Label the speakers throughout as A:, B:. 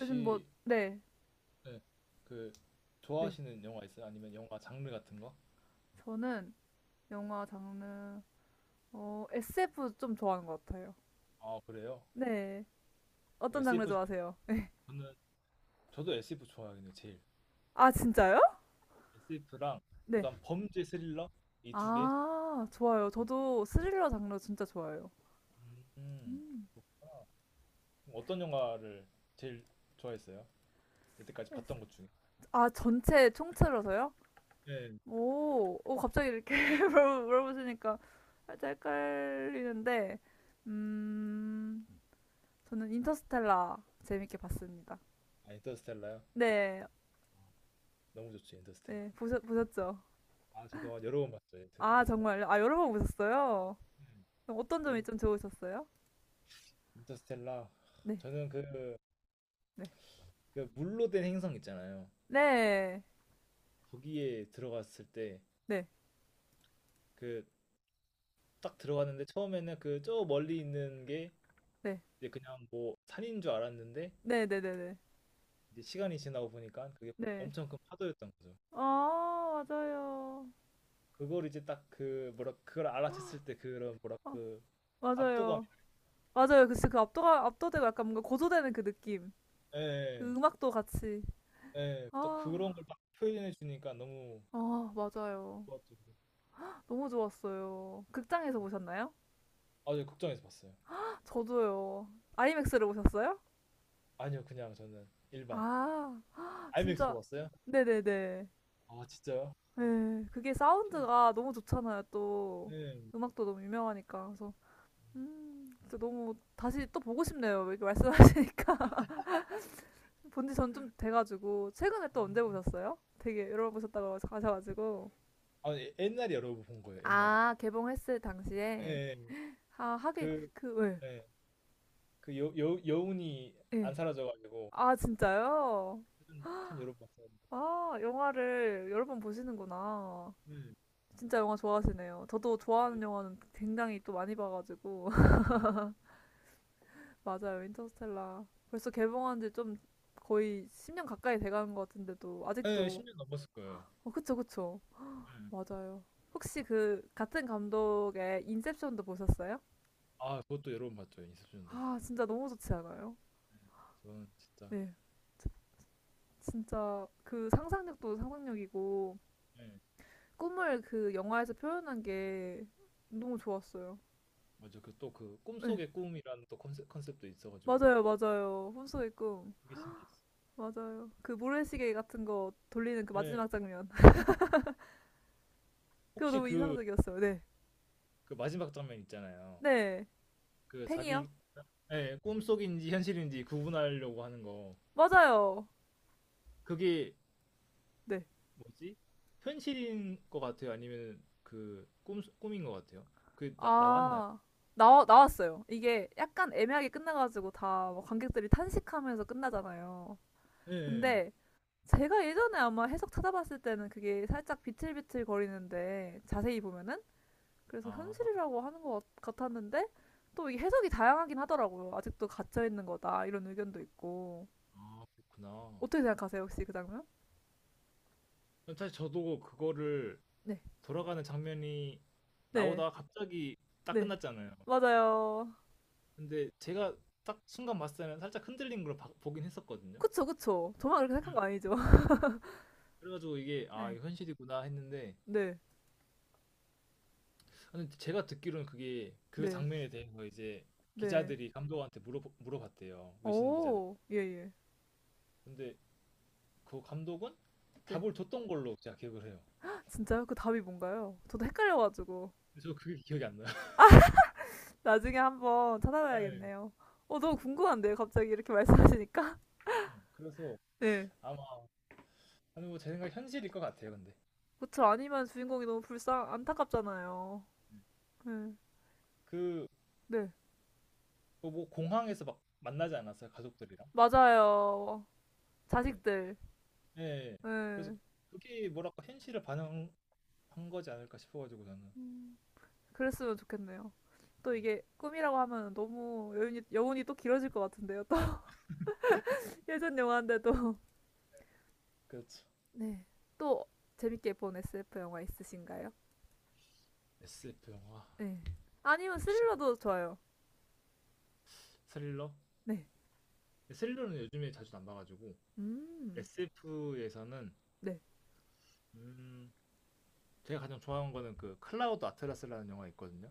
A: 요즘 뭐, 네,
B: 네, 그
A: 네.
B: 좋아하시는 영화 있어요? 아니면 영화 장르 같은 거?
A: 저는 영화 장르, SF 좀 좋아하는 것 같아요.
B: 아, 그래요?
A: 네.
B: 뭐
A: 어떤 장르
B: SF 중에
A: 좋아하세요?
B: 저는, 저도 SF 좋아하긴 해요 제일.
A: 아, 진짜요?
B: SF랑
A: 네.
B: 약간 범죄 스릴러 이 두 개.
A: 아, 좋아요. 저도 스릴러 장르 진짜 좋아해요.
B: 음.
A: 음.
B: 아, 그럼 어떤 영화를 제일 좋아했어요? 이때까지
A: 에스-
B: 봤던 것 중에.
A: 아, 전체 총체로서요?
B: 네.
A: 오, 오, 갑자기 이렇게 물어보시니까 살짝 헷갈리는데, 음, 저는 인터스텔라 재밌게 봤습니다.
B: 아, 인터스텔라요?
A: 네,
B: 너무 좋죠 인터스텔라.
A: 네, 보셨죠?
B: 아, 저도 여러 번 봤죠
A: 아,
B: 인터스텔라.
A: 정말요? 아, 여러 번 보셨어요?
B: 음,
A: 그럼 어떤 점이
B: 그럼요.
A: 좀 좋으셨어요?
B: 인터스텔라.
A: 네,
B: 저는 그,
A: 네.
B: 그 물로 된 행성 있잖아요.
A: 네,
B: 거기에 들어갔을 때
A: 네,
B: 그 딱 들어갔는데, 처음에는 그 저 멀리 있는 게
A: 네.
B: 이제 그냥 뭐 산인 줄 알았는데,
A: 네네 네 네. 네.
B: 이제 시간이 지나고 보니까 그게
A: 네, 네. 네.
B: 엄청 큰 파도였던 거죠.
A: 아, 맞아요.
B: 그걸 이제 딱, 그 뭐라, 그걸 알아챘을 때 그런 뭐라
A: 아,
B: 그 압도감.
A: 맞아요. 맞아요. 그치, 압도되고 약간 뭔가 고조되는 그 느낌. 그
B: 예,
A: 음악도 같이.
B: 예, 예. 또
A: 아,
B: 그런 걸 딱 표현해 주니까 너무
A: 아, 맞아요.
B: 좋았죠.
A: 너무 좋았어요. 극장에서 보셨나요?
B: 아, 저 극장에서 봤어요.
A: 저도요. 아이맥스로 보셨어요?
B: 아니요, 그냥 저는 일반
A: 아,
B: IMAX로
A: 진짜.
B: 봤어요.
A: 네네네.
B: 아, 진짜요?
A: 예. 그게
B: 엄청나.
A: 사운드가 너무 좋잖아요, 또.
B: 예.
A: 음악도 너무 유명하니까. 그래서 진짜 너무 다시 또 보고 싶네요. 이렇게 말씀하시니까. 본지 전 좀 돼가지고 최근에 또
B: 음.
A: 언제 보셨어요? 되게 여러 번 보셨다고 하셔가지고
B: 아, 예, 옛날에 여러 번 본 거예요. 옛날에.
A: 아 개봉했을
B: 예,
A: 당시에
B: 예.
A: 아 하긴
B: 그
A: 그
B: 예. 그 여운이
A: 예.
B: 안
A: 예.
B: 사라져가지고,
A: 아 진짜요?
B: 참, 참 여러 번 봤어요데.
A: 아 영화를 여러 번 보시는구나.
B: 네,
A: 진짜 영화 좋아하시네요. 저도
B: 네,
A: 좋아하는 영화는 굉장히 또 많이 봐가지고
B: 음.
A: 맞아요. 인터스텔라. 벌써 개봉한 지 좀 거의 10년 가까이 돼가는 것 같은데도
B: 네,
A: 아직도
B: 10년 넘었을 거예요.
A: 어 그쵸 그쵸.
B: 음.
A: 맞아요. 혹시 그 같은 감독의 인셉션도 보셨어요?
B: 아, 그것도 여러 번 봤죠 인셉션도.
A: 아 진짜 너무 좋지 않아요?
B: 저는 진짜.
A: 네. 진짜 그 상상력도 상상력이고
B: 네,
A: 꿈을 그 영화에서 표현한 게 너무 좋았어요.
B: 맞아. 그 또 그
A: 네.
B: 꿈속의 꿈이라는 또 컨셉도 있어가지고
A: 맞아요 맞아요. 혼수의 꿈.
B: 그게 신기했어.
A: 맞아요. 그 모래시계 같은 거 돌리는 그
B: 네,
A: 마지막 장면. 그거
B: 혹시
A: 너무
B: 그,
A: 인상적이었어요. 네.
B: 그 마지막 장면 있잖아요.
A: 네.
B: 그
A: 팽이요?
B: 자기. 네, 꿈속인지 현실인지 구분하려고 하는 거
A: 맞아요.
B: 그게
A: 네.
B: 뭐지? 현실인 것 같아요? 아니면 그 꿈인 것 같아요? 그게 나왔나요?
A: 아, 나왔어요. 이게 약간 애매하게 끝나가지고 다 뭐 관객들이 탄식하면서 끝나잖아요.
B: 예.
A: 근데 제가 예전에 아마 해석 찾아봤을 때는 그게 살짝 비틀비틀 거리는데 자세히 보면은 그래서
B: 아.
A: 현실이라고 하는 같았는데 또 이게 해석이 다양하긴 하더라고요. 아직도 갇혀 있는 거다 이런 의견도 있고
B: 아, 그렇구나.
A: 어떻게 생각하세요 혹시 그 장면?
B: 사실 저도 그거를,
A: 네,
B: 돌아가는 장면이
A: 네,
B: 나오다가 갑자기 딱
A: 네,
B: 끝났잖아요.
A: 맞아요.
B: 근데 제가 딱 순간 봤을 때는 살짝 흔들린 걸 보긴 했었거든요.
A: 그쵸, 그쵸. 저만 그렇게 생각한
B: 음.
A: 거 아니죠?
B: 그래 가지고 이게 '아,
A: 네.
B: 이거 현실이구나.' 했는데,
A: 네,
B: 근데 제가 듣기로는 그게 그
A: 네.
B: 장면에 대해서 이제
A: 네.
B: 기자들이 감독한테 물어봤대요, 외신 기자들이.
A: 오, 예, 예.
B: 근데 그 감독은
A: 네.
B: 답을 줬던 걸로 제가 기억을 해요.
A: 진짜요? 그 답이 뭔가요? 저도 헷갈려가지고.
B: 근데 저 그게 기억이 안 나요.
A: 나중에 한번
B: 네.
A: 찾아봐야겠네요. 어, 너무 궁금한데요? 갑자기 이렇게 말씀하시니까?
B: 네. 그래서
A: 네.
B: 아마, 아니 뭐, 제 생각 현실일 것 같아요 근데.
A: 그쵸. 아니면 주인공이 너무 안타깝잖아요. 네.
B: 네.
A: 네.
B: 그뭐 공항에서 막 만나지 않았어요 가족들이랑.
A: 맞아요.
B: 네.
A: 자식들.
B: 네. 그래서
A: 네.
B: 그게 뭐랄까 현실을 반영한 거지 않을까 싶어가지고 저는.
A: 음, 그랬으면 좋겠네요. 또
B: 음.
A: 이게 꿈이라고 하면 너무 여운이 또 길어질 것 같은데요. 또 예전 영화인데도.
B: 그렇죠.
A: 네. 또 재밌게 본 SF 영화 있으신가요?
B: SF 영화.
A: 네. 아니면
B: 혹시
A: 스릴러도 좋아요.
B: 스릴러
A: 네.
B: 스릴러는 요즘에 자주 안 봐가지고.
A: 음.
B: SF에서는
A: 네.
B: 음, 제가 가장 좋아하는 거는 그 클라우드 아틀라스라는 영화 있거든요.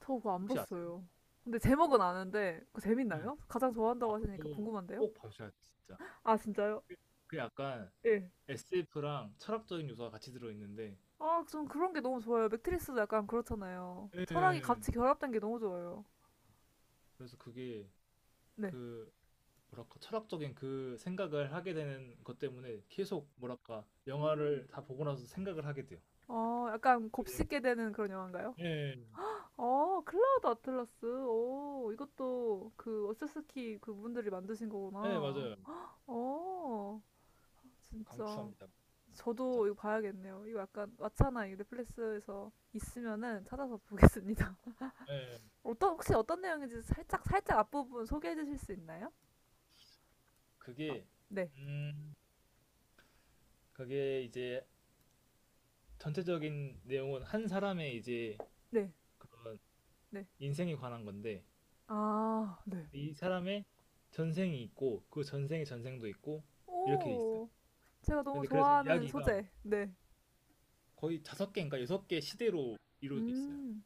A: 저 그거 안
B: 혹시 아세요?
A: 봤어요. 근데 제목은 아는데 그거
B: 네.
A: 재밌나요? 가장
B: 아,
A: 좋아한다고 하시니까
B: 그거
A: 궁금한데요?
B: 꼭 봐주셔야 돼 진짜.
A: 아, 진짜요?
B: 그 그 약간
A: 예.
B: SF랑 철학적인 요소가 같이 들어있는데.
A: 아, 전 그런 게 너무 좋아요. 맥트리스도 약간 그렇잖아요. 철학이
B: 예.
A: 같이 결합된 게 너무 좋아요.
B: 그래서 그게,
A: 네.
B: 그 뭐랄까 철학적인 그 생각을 하게 되는 것 때문에 계속, 뭐랄까,
A: 음.
B: 영화를 다 보고 나서 생각을 하게 돼요.
A: 어, 약간
B: 그게
A: 곱씹게 되는 그런 영화인가요?
B: 음,
A: 어, 클라우드 아틀라스. 오, 이것도 그 어스스키 그분들이 만드신
B: 네,
A: 거구나.
B: 맞아요.
A: 어, 진짜.
B: 강추합니다.
A: 저도
B: 진짜.
A: 이거 봐야겠네요. 이거 약간 왓챠나 이 넷플릭스에서 있으면은 찾아서 보겠습니다.
B: 네,
A: 어떤 내용인지 살짝 살짝 앞부분 소개해 주실 수 있나요? 막,
B: 그게
A: 네.
B: 음, 그게 이제 전체적인 내용은 한 사람의 이제
A: 네.
B: 그런
A: 네.
B: 인생에 관한 건데,
A: 아, 네.
B: 이 사람의 전생이 있고 그 전생의 전생도 있고 이렇게 있어요.
A: 오. 제가 너무
B: 근데 그래서
A: 좋아하는
B: 이야기가
A: 소재. 네.
B: 거의 다섯 개인가 여섯 개 시대로 이루어져 있어요.
A: 음.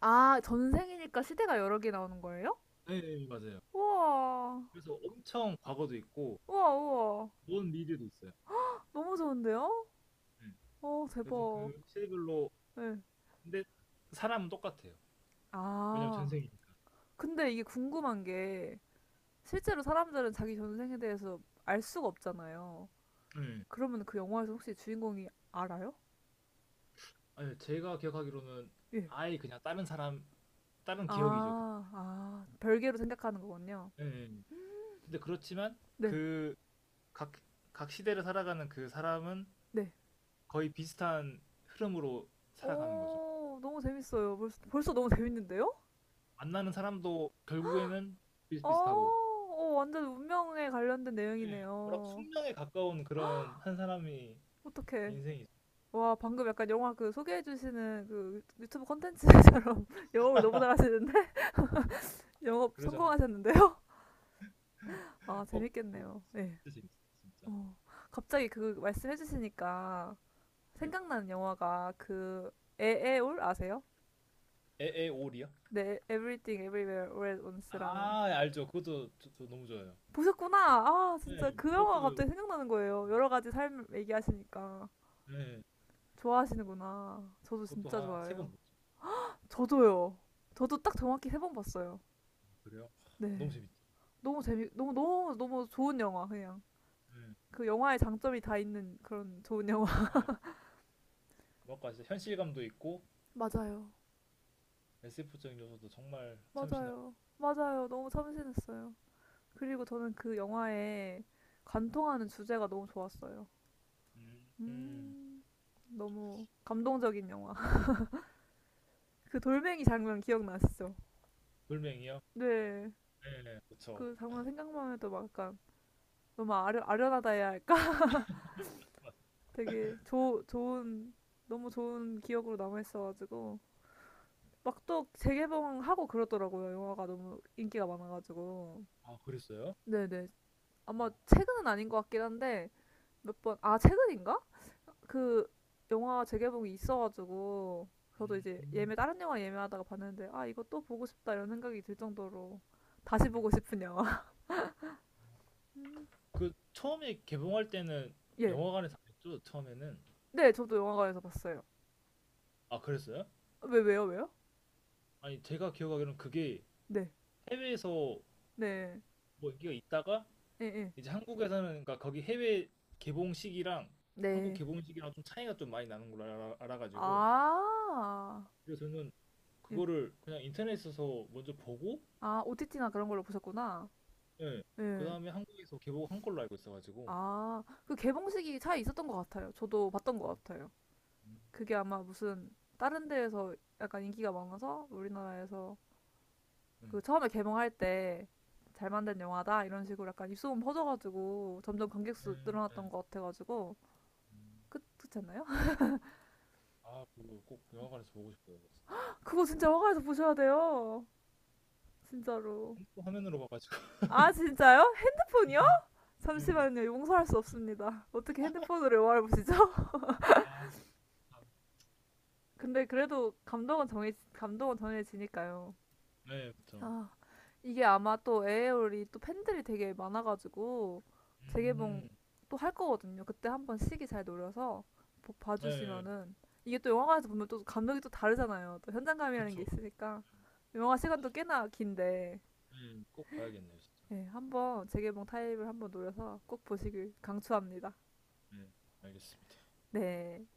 A: 아, 전생이니까 시대가 여러 개 나오는 거예요?
B: 네, 네, 맞아요.
A: 우와.
B: 그래서 엄청 과거도 있고
A: 우와, 우와.
B: 먼 미래도 있어요.
A: 너무 좋은데요?
B: 네.
A: 어,
B: 그래서
A: 대박.
B: 그 시대별로,
A: 네.
B: 근데 사람은 똑같아요. 왜냐면
A: 아.
B: 전생이니까.
A: 근데 이게 궁금한 게 실제로 사람들은 자기 전생에 대해서 알 수가 없잖아요.
B: 네.
A: 그러면 그 영화에서 혹시 주인공이 알아요?
B: 아니, 제가 기억하기로는
A: 예.
B: 아예 그냥 다른 사람, 다른 기억이죠. 그냥.
A: 아, 아, 별개로 생각하는 거군요.
B: 네, 네. 근데 그렇지만
A: 네,
B: 그 각 각 시대를 살아가는 그 사람은
A: 네.
B: 거의 비슷한 흐름으로 살아가는 거죠.
A: 오, 너무 재밌어요. 벌써 너무 재밌는데요?
B: 만나는 사람도 결국에는
A: 어,
B: 비슷비슷하고.
A: 어, 완전 운명에 관련된
B: 예. 뭐라
A: 내용이네요.
B: 숙명에 가까운 그런 한 사람이
A: 어떡해.
B: 인생이죠.
A: 와, 방금 약간 영화 그 소개해주시는 그 유튜브 컨텐츠처럼 영업을 너무 잘하시는데? 영업
B: 그래서
A: 성공하셨는데요?
B: 저는
A: 아,
B: 꼭 보고
A: 재밌겠네요.
B: 있어요.
A: 예.
B: 진짜 재밌어요, 진짜.
A: 어, 갑자기 그 말씀해 주시니까
B: 예.
A: 생각나는 영화가 그 에에올 아세요?
B: 에에올이요?
A: 네, Everything Everywhere All at Once라는
B: 아, 알죠. 그것도 저 너무 좋아요.
A: 보셨구나. 아,
B: 네,
A: 진짜 그 영화가
B: 그것도.
A: 갑자기 생각나는 거예요. 여러 가지 삶 얘기하시니까
B: 네,
A: 좋아하시는구나. 저도 진짜
B: 한 세번
A: 좋아해요.
B: 봤죠.
A: 저도요. 저도 딱 정확히 세 번 봤어요.
B: 어, 그래요? 너무
A: 네.
B: 재밌죠.
A: 너무 너무 너무 좋은 영화 그냥.
B: 네,
A: 그 영화의 장점이 다 있는 그런 좋은 영화.
B: 네. 뭐랄까 진짜 현실감도 있고
A: 맞아요.
B: SF적인 요소도 정말 참신하고.
A: 맞아요. 맞아요. 너무 참신했어요. 그리고 저는 그 영화에 관통하는 주제가 너무 좋았어요.
B: 음, 음.
A: 음, 너무 감동적인 영화. 그 돌멩이 장면 기억나시죠?
B: 돌멩이요?
A: 네.
B: 네, 그쵸.
A: 그 장면 생각만 해도 막 약간 너무 아련하다 해야 할까?
B: 맞아요.
A: 되게 좋은, 너무 좋은 기억으로 남아있어가지고. 막 또 재개봉하고 그러더라고요. 영화가 너무 인기가 많아가지고.
B: 아, 그랬어요?
A: 네네. 아마
B: 어.
A: 최근은 아닌 것 같긴 한데, 몇 번, 아, 최근인가? 그 영화 재개봉이 있어가지고 저도 이제
B: 음,
A: 예매 다른 영화 예매하다가 봤는데 아 이거 또 보고 싶다 이런 생각이 들 정도로 다시
B: 음.
A: 보고 싶은 영화.
B: 그 처음에 개봉할 때는
A: 예.
B: 영화관에서 안 했죠, 처음에는.
A: 네, 저도 영화관에서 봤어요.
B: 아, 그랬어요?
A: 왜 왜요?
B: 아니, 제가 기억하기로는 그게
A: 네.
B: 해외에서
A: 네.
B: 뭐 인기가 있다가
A: 예 예.
B: 이제 한국에서는, 그러니까 거기 해외 개봉 시기랑 한국
A: 네.
B: 개봉 시기랑 좀 차이가 좀 많이 나는 걸 알아가지고,
A: 아.
B: 그래서 저는
A: 예.
B: 그거를 그냥 인터넷에서 먼저 보고.
A: 아 OTT나 그런 걸로 보셨구나.
B: 예.
A: 예.
B: 그다음에 한국에서 개봉한 걸로 알고 있어가지고.
A: 아, 그 개봉식이 차이 있었던 것 같아요. 저도 봤던
B: 음,
A: 것 같아요. 그게 아마 무슨 다른 데에서 약간 인기가 많아서 우리나라에서
B: 음,
A: 그 처음에 개봉할 때 잘 만든 영화다 이런 식으로 약간 입소문 퍼져가지고 점점 관객 수
B: 음,
A: 늘어났던
B: 음,
A: 것 같아가지고
B: 음.
A: 끝 끝잖아요?
B: 아, 그거 꼭 영화관에서 보고 싶어요, 진짜.
A: 그거 진짜 화가에서 보셔야 돼요. 진짜로.
B: 핸드폰 화면으로 봐가지고.
A: 아 진짜요? 핸드폰이요?
B: 예.
A: 잠시만요. 용서할 수 없습니다. 어떻게 핸드폰으로 영화를 보시죠?
B: 아. 아.
A: 근데 그래도 감동은 정해 감은 정해지니까요.
B: 네, 그쵸.
A: 아, 이게 아마 또 에어리 또 팬들이 되게 많아가지고 재개봉
B: 음.
A: 또 할 거거든요. 그때 한번 시기 잘 노려서
B: 네,
A: 봐주시면은 이게 또 영화관에서 보면 또 감독이 또 다르잖아요. 또 현장감이라는 게
B: 그쵸.
A: 있으니까 영화 시간도 꽤나 긴데
B: 네, 꼭 봐야겠네요 진짜.
A: 네, 한번 재개봉 타입을 한번 노려서 꼭 보시길 강추합니다.
B: 네, 알겠습니다.
A: 네.